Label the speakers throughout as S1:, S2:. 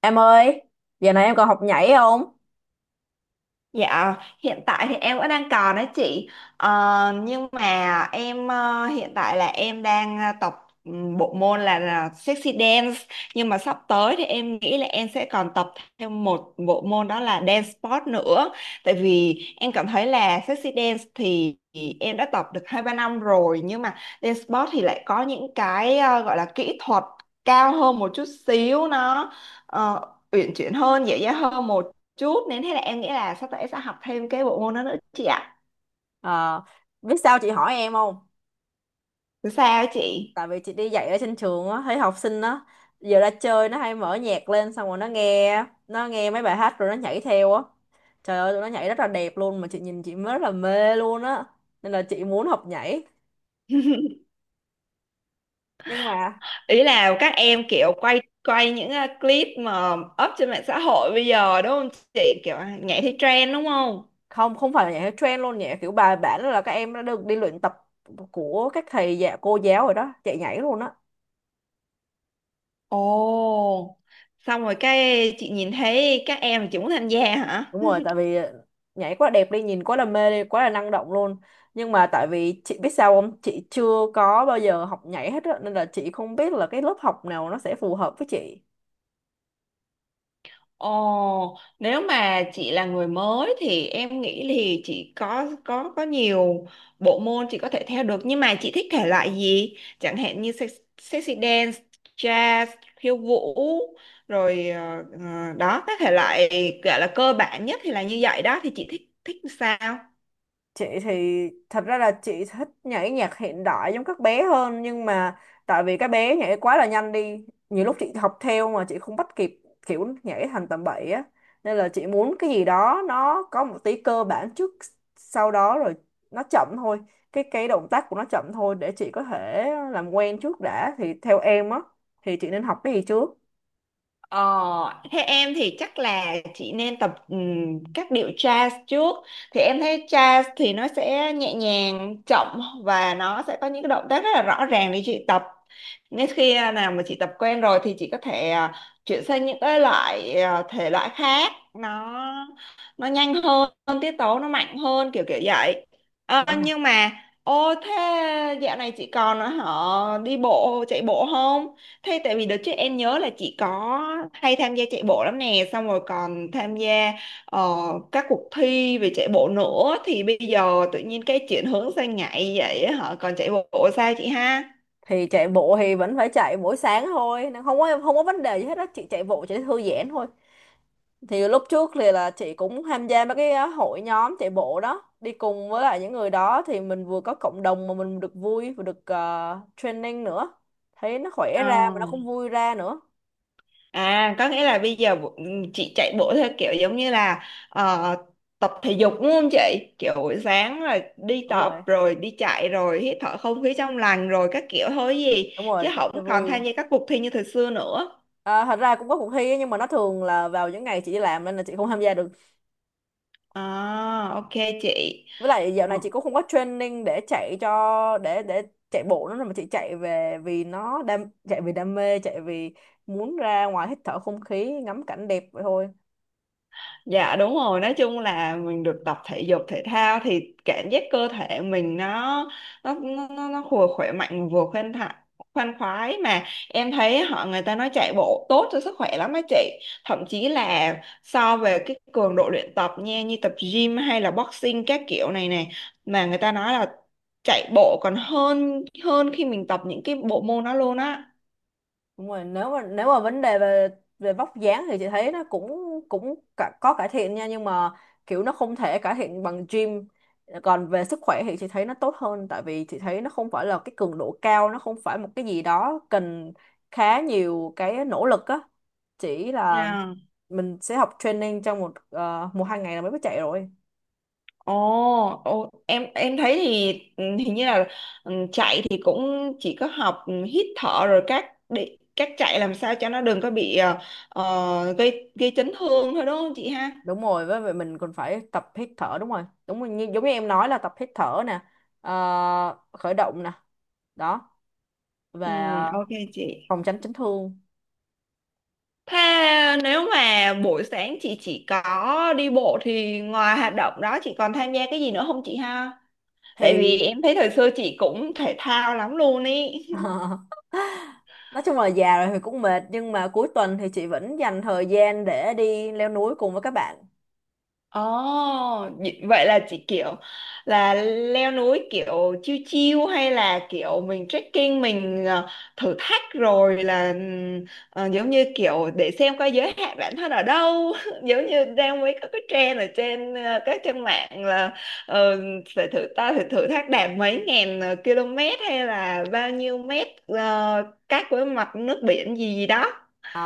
S1: Em ơi, giờ này em còn học nhảy không?
S2: Dạ, hiện tại thì em vẫn đang còn đấy chị. Nhưng mà em hiện tại là em đang tập bộ môn là sexy dance, nhưng mà sắp tới thì em nghĩ là em sẽ còn tập thêm một bộ môn, đó là dance sport nữa. Tại vì em cảm thấy là sexy dance thì em đã tập được hai ba năm rồi, nhưng mà dance sport thì lại có những cái gọi là kỹ thuật cao hơn một chút xíu, nó ờ, uyển chuyển hơn, dễ dàng hơn một chút, nên thế là em nghĩ là sắp tới em sẽ học thêm cái bộ môn đó nữa chị ạ.
S1: Ờ, biết sao chị hỏi em không?
S2: Thì sao chị,
S1: Tại vì chị đi dạy ở trên trường á, thấy học sinh á, giờ ra chơi nó hay mở nhạc lên xong rồi nó nghe mấy bài hát rồi nó nhảy theo á. Trời ơi, tụi nó nhảy rất là đẹp luôn mà chị nhìn chị mới rất là mê luôn á. Nên là chị muốn học nhảy. Nhưng mà
S2: ý là các em kiểu quay quay những clip mà up trên mạng xã hội bây giờ đúng không chị, kiểu à, nhảy theo trend đúng không?
S1: không, không phải là nhảy theo trend luôn, nhảy kiểu bài bản là các em đã được đi luyện tập của các thầy dạ cô giáo rồi đó, chạy nhảy luôn á.
S2: Ồ, xong rồi cái chị nhìn thấy các em chị muốn tham gia hả?
S1: Đúng rồi, tại vì nhảy quá đẹp đi, nhìn quá là mê đi, quá là năng động luôn. Nhưng mà tại vì chị biết sao không? Chị chưa có bao giờ học nhảy hết á, nên là chị không biết là cái lớp học nào nó sẽ phù hợp với chị.
S2: Ồ, nếu mà chị là người mới thì em nghĩ thì chị có nhiều bộ môn chị có thể theo được, nhưng mà chị thích thể loại gì? Chẳng hạn như sexy dance, jazz, khiêu vũ rồi đó các thể loại gọi là cơ bản nhất thì là như vậy đó, thì chị thích thích sao?
S1: Chị thì thật ra là chị thích nhảy nhạc hiện đại giống các bé hơn, nhưng mà tại vì các bé nhảy quá là nhanh đi, nhiều lúc chị học theo mà chị không bắt kịp, kiểu nhảy thành tầm bậy á, nên là chị muốn cái gì đó nó có một tí cơ bản trước, sau đó rồi nó chậm thôi, cái động tác của nó chậm thôi để chị có thể làm quen trước đã. Thì theo em á thì chị nên học cái gì trước?
S2: Ờ, Thế em thì chắc là chị nên tập các điệu jazz trước, thì em thấy jazz thì nó sẽ nhẹ nhàng chậm và nó sẽ có những cái động tác rất là rõ ràng để chị tập. Nên khi nào mà chị tập quen rồi thì chị có thể chuyển sang những cái loại thể loại khác, nó nhanh hơn, tiết tấu nó mạnh hơn, kiểu kiểu vậy. Ờ,
S1: Vậy hả?
S2: nhưng mà ô, thế dạo này chị còn họ đi bộ chạy bộ không? Thế tại vì đợt trước em nhớ là chị có hay tham gia chạy bộ lắm nè, xong rồi còn tham gia ờ, các cuộc thi về chạy bộ nữa, thì bây giờ tự nhiên cái chuyển hướng sang nhảy vậy á hả? Còn chạy bộ sao chị ha?
S1: Thì chạy bộ thì vẫn phải chạy mỗi sáng thôi nên không có vấn đề gì hết á, chị chạy bộ chỉ để thư giãn thôi. Thì lúc trước thì là chị cũng tham gia mấy cái hội nhóm chạy bộ đó, đi cùng với lại những người đó thì mình vừa có cộng đồng mà mình được vui và được training nữa, thấy nó khỏe ra
S2: Ờ.
S1: mà nó cũng vui ra nữa.
S2: À, có nghĩa là bây giờ chị chạy bộ theo kiểu giống như là ờ, tập thể dục đúng không chị? Kiểu buổi sáng là đi
S1: Đúng
S2: tập
S1: rồi,
S2: rồi đi chạy rồi hít thở không khí trong lành rồi các kiểu thôi gì,
S1: đúng
S2: chứ
S1: rồi, tập cho
S2: không còn
S1: vui.
S2: tham gia các cuộc thi như thời xưa nữa.
S1: À, thật ra cũng có cuộc thi ấy, nhưng mà nó thường là vào những ngày chị đi làm nên là chị không tham gia được.
S2: À, ok chị.
S1: Với lại dạo
S2: Ờ,
S1: này chị cũng không có training để chạy cho để chạy bộ nữa, mà chị chạy về vì nó đam, chạy vì đam mê, chạy vì muốn ra ngoài hít thở không khí, ngắm cảnh đẹp vậy thôi.
S2: Dạ đúng rồi, nói chung là mình được tập thể dục thể thao thì cảm giác cơ thể mình nó vừa khỏe mạnh vừa khoan thai khoan khoái, mà em thấy họ người ta nói chạy bộ tốt cho sức khỏe lắm á chị. Thậm chí là so về cái cường độ luyện tập nha, như tập gym hay là boxing các kiểu này này, mà người ta nói là chạy bộ còn hơn hơn khi mình tập những cái bộ môn đó luôn
S1: Đúng rồi, nếu mà vấn đề về về vóc dáng thì chị thấy nó cũng cũng cả, có cải thiện nha, nhưng mà kiểu nó không thể cải thiện bằng gym. Còn về sức khỏe thì chị thấy nó tốt hơn, tại vì chị thấy nó không phải là cái cường độ cao, nó không phải một cái gì đó cần khá nhiều cái nỗ lực á, chỉ là
S2: á.
S1: mình sẽ học training trong một hai ngày là mới có chạy rồi.
S2: Ồ, ồ, em thấy thì ừ, hình như là ừ, chạy thì cũng chỉ có học ừ, hít thở rồi các để các chạy làm sao cho nó đừng có bị gây gây chấn thương thôi đúng không chị ha?
S1: Đúng rồi, với vậy mình còn phải tập hít thở. Đúng rồi, đúng rồi, giống như em nói là tập hít thở nè, khởi động nè đó,
S2: Ừ,
S1: và
S2: ok chị.
S1: phòng tránh chấn thương.
S2: Thế nếu mà buổi sáng chị chỉ có đi bộ thì ngoài hoạt động đó chị còn tham gia cái gì nữa không chị ha? Tại
S1: Thì
S2: vì em thấy thời xưa chị cũng thể thao lắm luôn ý.
S1: nói chung là già rồi thì cũng mệt, nhưng mà cuối tuần thì chị vẫn dành thời gian để đi leo núi cùng với các bạn.
S2: Ồ, vậy vậy là chỉ kiểu là leo núi kiểu chiêu chiêu, hay là kiểu mình trekking mình thử thách rồi là giống như kiểu để xem coi giới hạn bản thân ở đâu giống như đang mấy có cái trend ở trên các trang mạng là ờ, phải thử thách đạt mấy ngàn km hay là bao nhiêu mét cách với mặt nước biển gì gì đó.
S1: Ờ,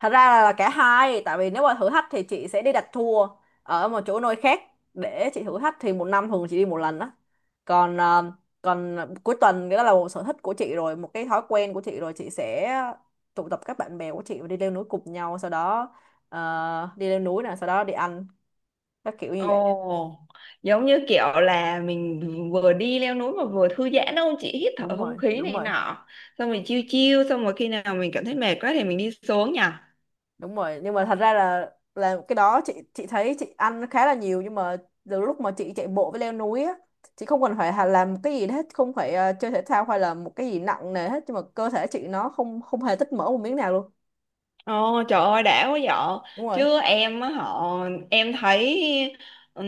S1: thật ra là cả hai, tại vì nếu mà thử thách thì chị sẽ đi đặt tour ở một chỗ nơi khác để chị thử thách, thì một năm thường chị đi một lần đó. Còn ờ, còn cuối tuần, cái đó là một sở thích của chị rồi, một cái thói quen của chị rồi, chị sẽ tụ tập các bạn bè của chị và đi leo núi cùng nhau, sau đó đi leo núi nè, sau đó đi ăn, các kiểu như vậy.
S2: Ồ, giống như kiểu là mình vừa đi leo núi mà vừa thư giãn đâu chị, hít thở
S1: Đúng
S2: không
S1: rồi,
S2: khí
S1: đúng
S2: này
S1: rồi,
S2: nọ, xong rồi chiêu chiêu, xong rồi khi nào mình cảm thấy mệt quá thì mình đi xuống nhỉ.
S1: đúng rồi. Nhưng mà thật ra là cái đó, chị thấy chị ăn khá là nhiều, nhưng mà từ lúc mà chị chạy bộ với leo núi á, chị không cần phải làm cái gì hết, không phải chơi thể thao hay là một cái gì nặng nề hết, nhưng mà cơ thể chị nó không không hề tích mỡ một miếng nào luôn.
S2: Ồ, trời ơi đã quá vợ,
S1: Đúng rồi,
S2: chứ em á họ em thấy ừm,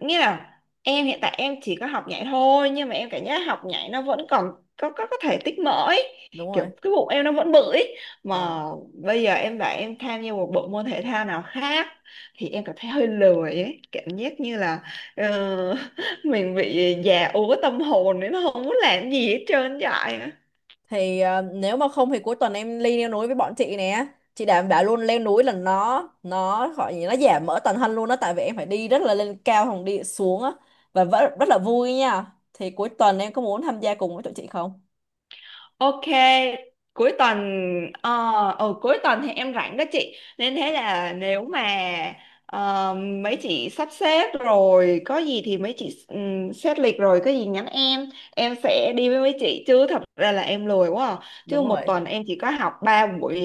S2: nghĩa là em hiện tại em chỉ có học nhảy thôi, nhưng mà em cảm giác học nhảy nó vẫn còn có thể tích mỡ ấy.
S1: đúng
S2: Kiểu
S1: rồi.
S2: cái bụng em nó vẫn bự ấy.
S1: ờ
S2: Mà bây giờ em bảo em tham gia một bộ môn thể thao nào khác thì em cảm thấy hơi lười ấy, cảm giác như là ờ, mình bị già úa tâm hồn nên nó không muốn làm gì hết trơn vậy.
S1: thì ờ, nếu mà không thì cuối tuần em đi leo núi với bọn chị nè, chị đảm bảo luôn, leo núi là nó gọi gì, nó giảm mỡ toàn thân luôn đó, tại vì em phải đi rất là lên cao không đi xuống á, và vẫn rất là vui nha, thì cuối tuần em có muốn tham gia cùng với tụi chị không?
S2: Ok, cuối tuần ờ ừ, cuối tuần thì em rảnh đó chị. Nên thế là nếu mà ờ, mấy chị sắp xếp rồi có gì thì mấy chị xét lịch rồi có gì nhắn em sẽ đi với mấy chị, chứ thật ra là em lười quá à. Chứ
S1: Đúng rồi,
S2: một tuần em chỉ có học 3 buổi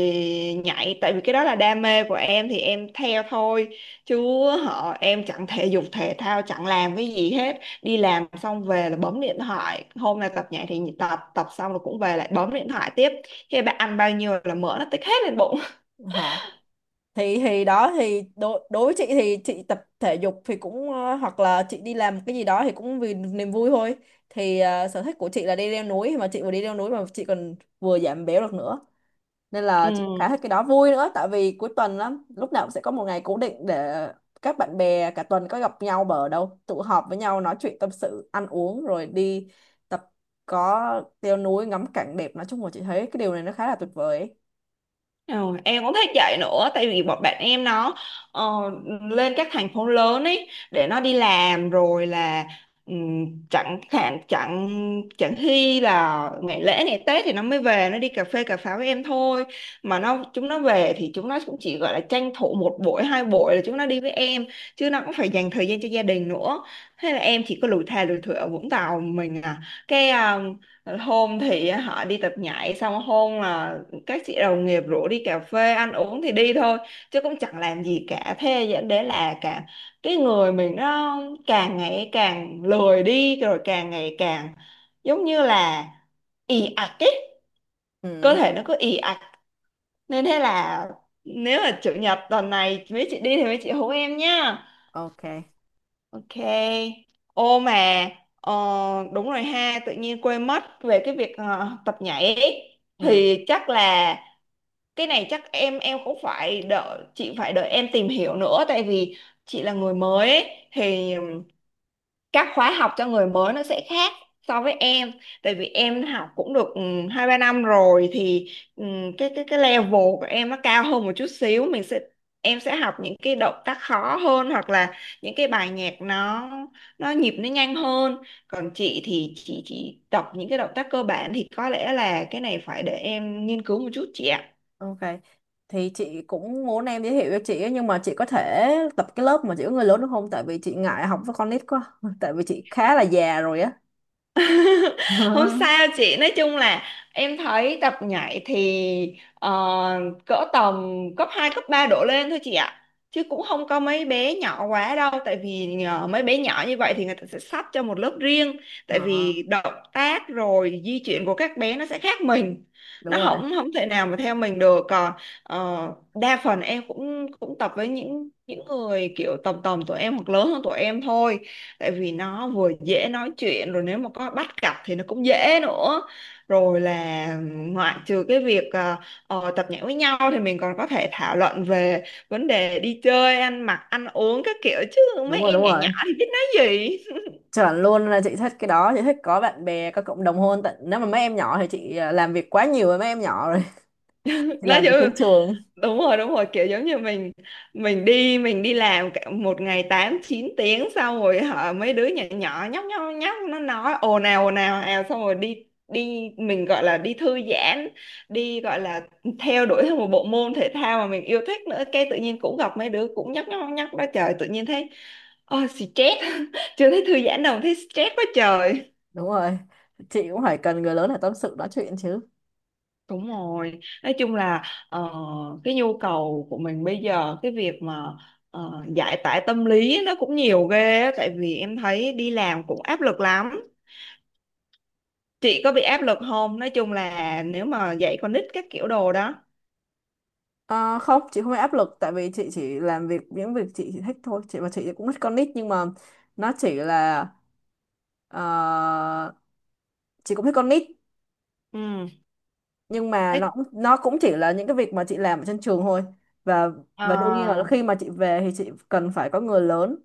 S2: nhảy, tại vì cái đó là đam mê của em thì em theo thôi. Chứ họ em chẳng thể dục thể thao chẳng làm cái gì hết, đi làm xong về là bấm điện thoại, hôm nay tập nhảy thì tập, tập xong rồi cũng về lại bấm điện thoại tiếp, khi bạn ăn bao nhiêu là mỡ nó tích hết lên bụng.
S1: hả? Thì đó, thì đối đối với chị thì chị tập thể dục thì cũng, hoặc là chị đi làm cái gì đó thì cũng vì niềm vui thôi. Thì sở thích của chị là đi leo núi, mà chị vừa đi leo núi mà chị còn vừa giảm béo được nữa, nên
S2: Ừ.
S1: là chị cũng khá thích cái đó, vui nữa, tại vì cuối tuần lắm lúc nào cũng sẽ có một ngày cố định để các bạn bè cả tuần có gặp nhau bờ đâu tụ họp với nhau, nói chuyện tâm sự, ăn uống, rồi đi tập, có leo núi, ngắm cảnh đẹp, nói chung là chị thấy cái điều này nó khá là tuyệt vời ấy.
S2: Ờ, em cũng thích chạy nữa, tại vì bọn bạn em nó ờ, lên các thành phố lớn ấy để nó đi làm, rồi là chẳng hạn chẳng chẳng khi là ngày lễ ngày Tết thì nó mới về, nó đi cà phê cà pháo với em thôi. Mà nó chúng nó về thì chúng nó cũng chỉ gọi là tranh thủ một buổi hai buổi là chúng nó đi với em, chứ nó cũng phải dành thời gian cho gia đình nữa. Thế là em chỉ có lủi thà lủi thủi ở Vũng Tàu mình à, cái hôm thì họ đi tập nhảy, xong hôm là các chị đồng nghiệp rủ đi cà phê ăn uống thì đi thôi, chứ cũng chẳng làm gì cả. Thế dẫn đến là cả cái người mình nó càng ngày càng lười đi, rồi càng ngày càng giống như là ì ạch ấy, cơ
S1: Ừ,
S2: thể nó cứ ì ạch. Nên thế là nếu là chủ nhật tuần này mấy chị đi thì mấy chị hú em nhá.
S1: ok,
S2: Ok. Ô mà ờ, đúng rồi ha, tự nhiên quên mất về cái việc tập nhảy ấy.
S1: ừ,
S2: Thì chắc là cái này chắc em cũng phải đợi chị, phải đợi em tìm hiểu nữa, tại vì chị là người mới ấy, thì các khóa học cho người mới nó sẽ khác so với em. Tại vì em học cũng được ừ, hai ba năm rồi thì ừ, cái cái level của em nó cao hơn một chút xíu, mình sẽ em sẽ học những cái động tác khó hơn, hoặc là những cái bài nhạc nó nhịp nó nhanh hơn, còn chị thì chị chỉ tập những cái động tác cơ bản, thì có lẽ là cái này phải để em nghiên cứu một chút chị ạ.
S1: ok. Thì chị cũng muốn em giới thiệu cho chị ấy, nhưng mà chị có thể tập cái lớp mà chỉ có người lớn được không, tại vì chị ngại học với con nít quá, tại vì chị khá là già rồi á.
S2: Không sao chị, nói chung là em thấy tập nhảy thì cỡ tầm cấp 2 cấp 3 đổ lên thôi chị ạ, chứ cũng không có mấy bé nhỏ quá đâu. Tại vì nhờ mấy bé nhỏ như vậy thì người ta sẽ sắp cho một lớp riêng,
S1: Ờ,
S2: tại vì động tác rồi di chuyển của các bé nó sẽ khác mình,
S1: đúng
S2: nó
S1: rồi,
S2: không không thể nào mà theo mình được. Còn ờ, đa phần em cũng cũng tập với những người kiểu tầm tầm tuổi em hoặc lớn hơn tuổi em thôi, tại vì nó vừa dễ nói chuyện, rồi nếu mà có bắt cặp thì nó cũng dễ nữa. Rồi là ngoại trừ cái việc tập nhảy với nhau thì mình còn có thể thảo luận về vấn đề đi chơi ăn mặc ăn uống các kiểu, chứ
S1: đúng
S2: mấy
S1: rồi,
S2: em
S1: đúng
S2: nhỏ
S1: rồi.
S2: nhỏ thì biết nói gì.
S1: Chuẩn luôn, là chị thích cái đó, chị thích có bạn bè, có cộng đồng hơn, tận nếu mà mấy em nhỏ thì chị à, làm việc quá nhiều với mấy em nhỏ rồi, thì
S2: Nói
S1: làm
S2: gì,
S1: việc trên trường.
S2: đúng rồi đúng rồi, kiểu giống như mình đi đi làm cả một ngày 8 9 tiếng, xong rồi hả mấy đứa nhỏ nhỏ nhóc nhóc nhóc nó nói ồn ào ào xong rồi đi, đi mình gọi là đi thư giãn, đi gọi là theo đuổi theo một bộ môn thể thao mà mình yêu thích nữa, cái tự nhiên cũng gặp mấy đứa cũng nhóc nhóc nhóc đó, trời tự nhiên thấy oh, stress. Chưa thấy thư giãn đâu thấy stress quá trời.
S1: Đúng rồi. Chị cũng phải cần người lớn để tâm sự nói chuyện chứ.
S2: Đúng rồi, nói chung là ờ, cái nhu cầu của mình bây giờ cái việc mà giải tỏa tâm lý nó cũng nhiều ghê á, tại vì em thấy đi làm cũng áp lực lắm. Chị có bị áp lực không? Nói chung là nếu mà dạy con nít các kiểu đồ đó.
S1: Ờ, không, chị không bị áp lực, tại vì chị chỉ làm việc những việc chị thích thôi. Chị và chị cũng thích con nít, nhưng mà nó chỉ là ờ, chị cũng thích con nít,
S2: Ừ.
S1: nhưng mà
S2: Thế,
S1: nó cũng chỉ là những cái việc mà chị làm ở trên trường thôi. Và
S2: ờ,
S1: và đương nhiên là khi mà chị về thì chị cần phải có người lớn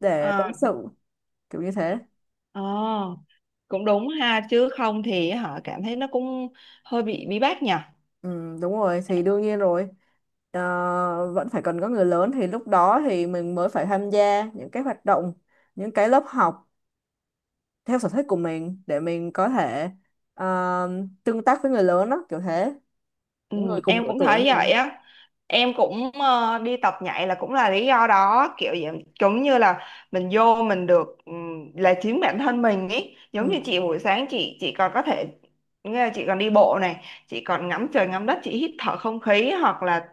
S1: để tâm
S2: ờ,
S1: sự, kiểu như thế.
S2: ờ, cũng đúng ha, chứ không thì hả cảm thấy nó cũng hơi bị bí bách nhỉ.
S1: Ừ, đúng rồi, thì đương nhiên rồi. Ờ, vẫn phải cần có người lớn, thì lúc đó thì mình mới phải tham gia những cái hoạt động, những cái lớp học theo sở thích của mình để mình có thể ờ, tương tác với người lớn đó, kiểu thế,
S2: Ừ,
S1: những người cùng
S2: em
S1: độ
S2: cũng
S1: tuổi
S2: thấy
S1: với
S2: vậy
S1: mình.
S2: á, em cũng đi tập nhảy là cũng là lý do đó kiểu vậy, giống như là mình vô mình được là chính bản thân mình ý. Giống như
S1: Ừ.
S2: chị buổi sáng chị còn có thể, nghĩa là chị còn đi bộ này, chị còn ngắm trời ngắm đất, chị hít thở không khí, hoặc là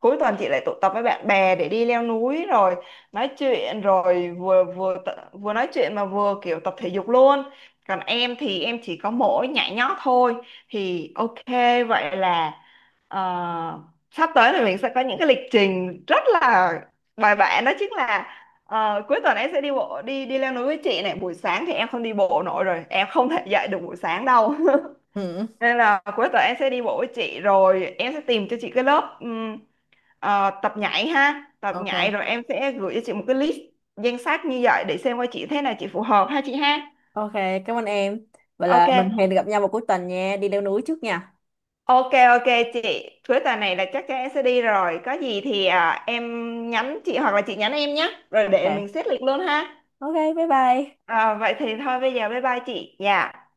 S2: cuối tuần chị lại tụ tập với bạn bè để đi leo núi rồi nói chuyện, rồi vừa vừa tự- vừa nói chuyện mà vừa kiểu tập thể dục luôn. Còn em thì em chỉ có mỗi nhảy nhót thôi, thì ok vậy là. Ờ, sắp tới thì mình sẽ có những cái lịch trình rất là bài bản, đó chính là cuối tuần em sẽ đi bộ đi đi leo núi với chị này, buổi sáng thì em không đi bộ nổi rồi, em không thể dậy được buổi sáng đâu.
S1: Ừ.
S2: Nên là cuối tuần em sẽ đi bộ với chị, rồi em sẽ tìm cho chị cái lớp tập nhảy ha, tập nhảy
S1: Ok,
S2: rồi em sẽ gửi cho chị một cái list danh sách như vậy để xem coi chị thế nào, chị phù hợp ha chị ha.
S1: ok, cảm ơn em, vậy là mình
S2: Ok.
S1: hẹn gặp nhau vào cuối tuần nha, đi leo núi trước nha.
S2: Ok chị, cuối tuần này là chắc chắn em sẽ đi rồi. Có gì thì em nhắn chị hoặc là chị nhắn em nhé. Rồi để
S1: Ok,
S2: mình xét lịch luôn ha.
S1: ok, bye bye.
S2: À, vậy thì thôi bây giờ bye bye chị. Dạ.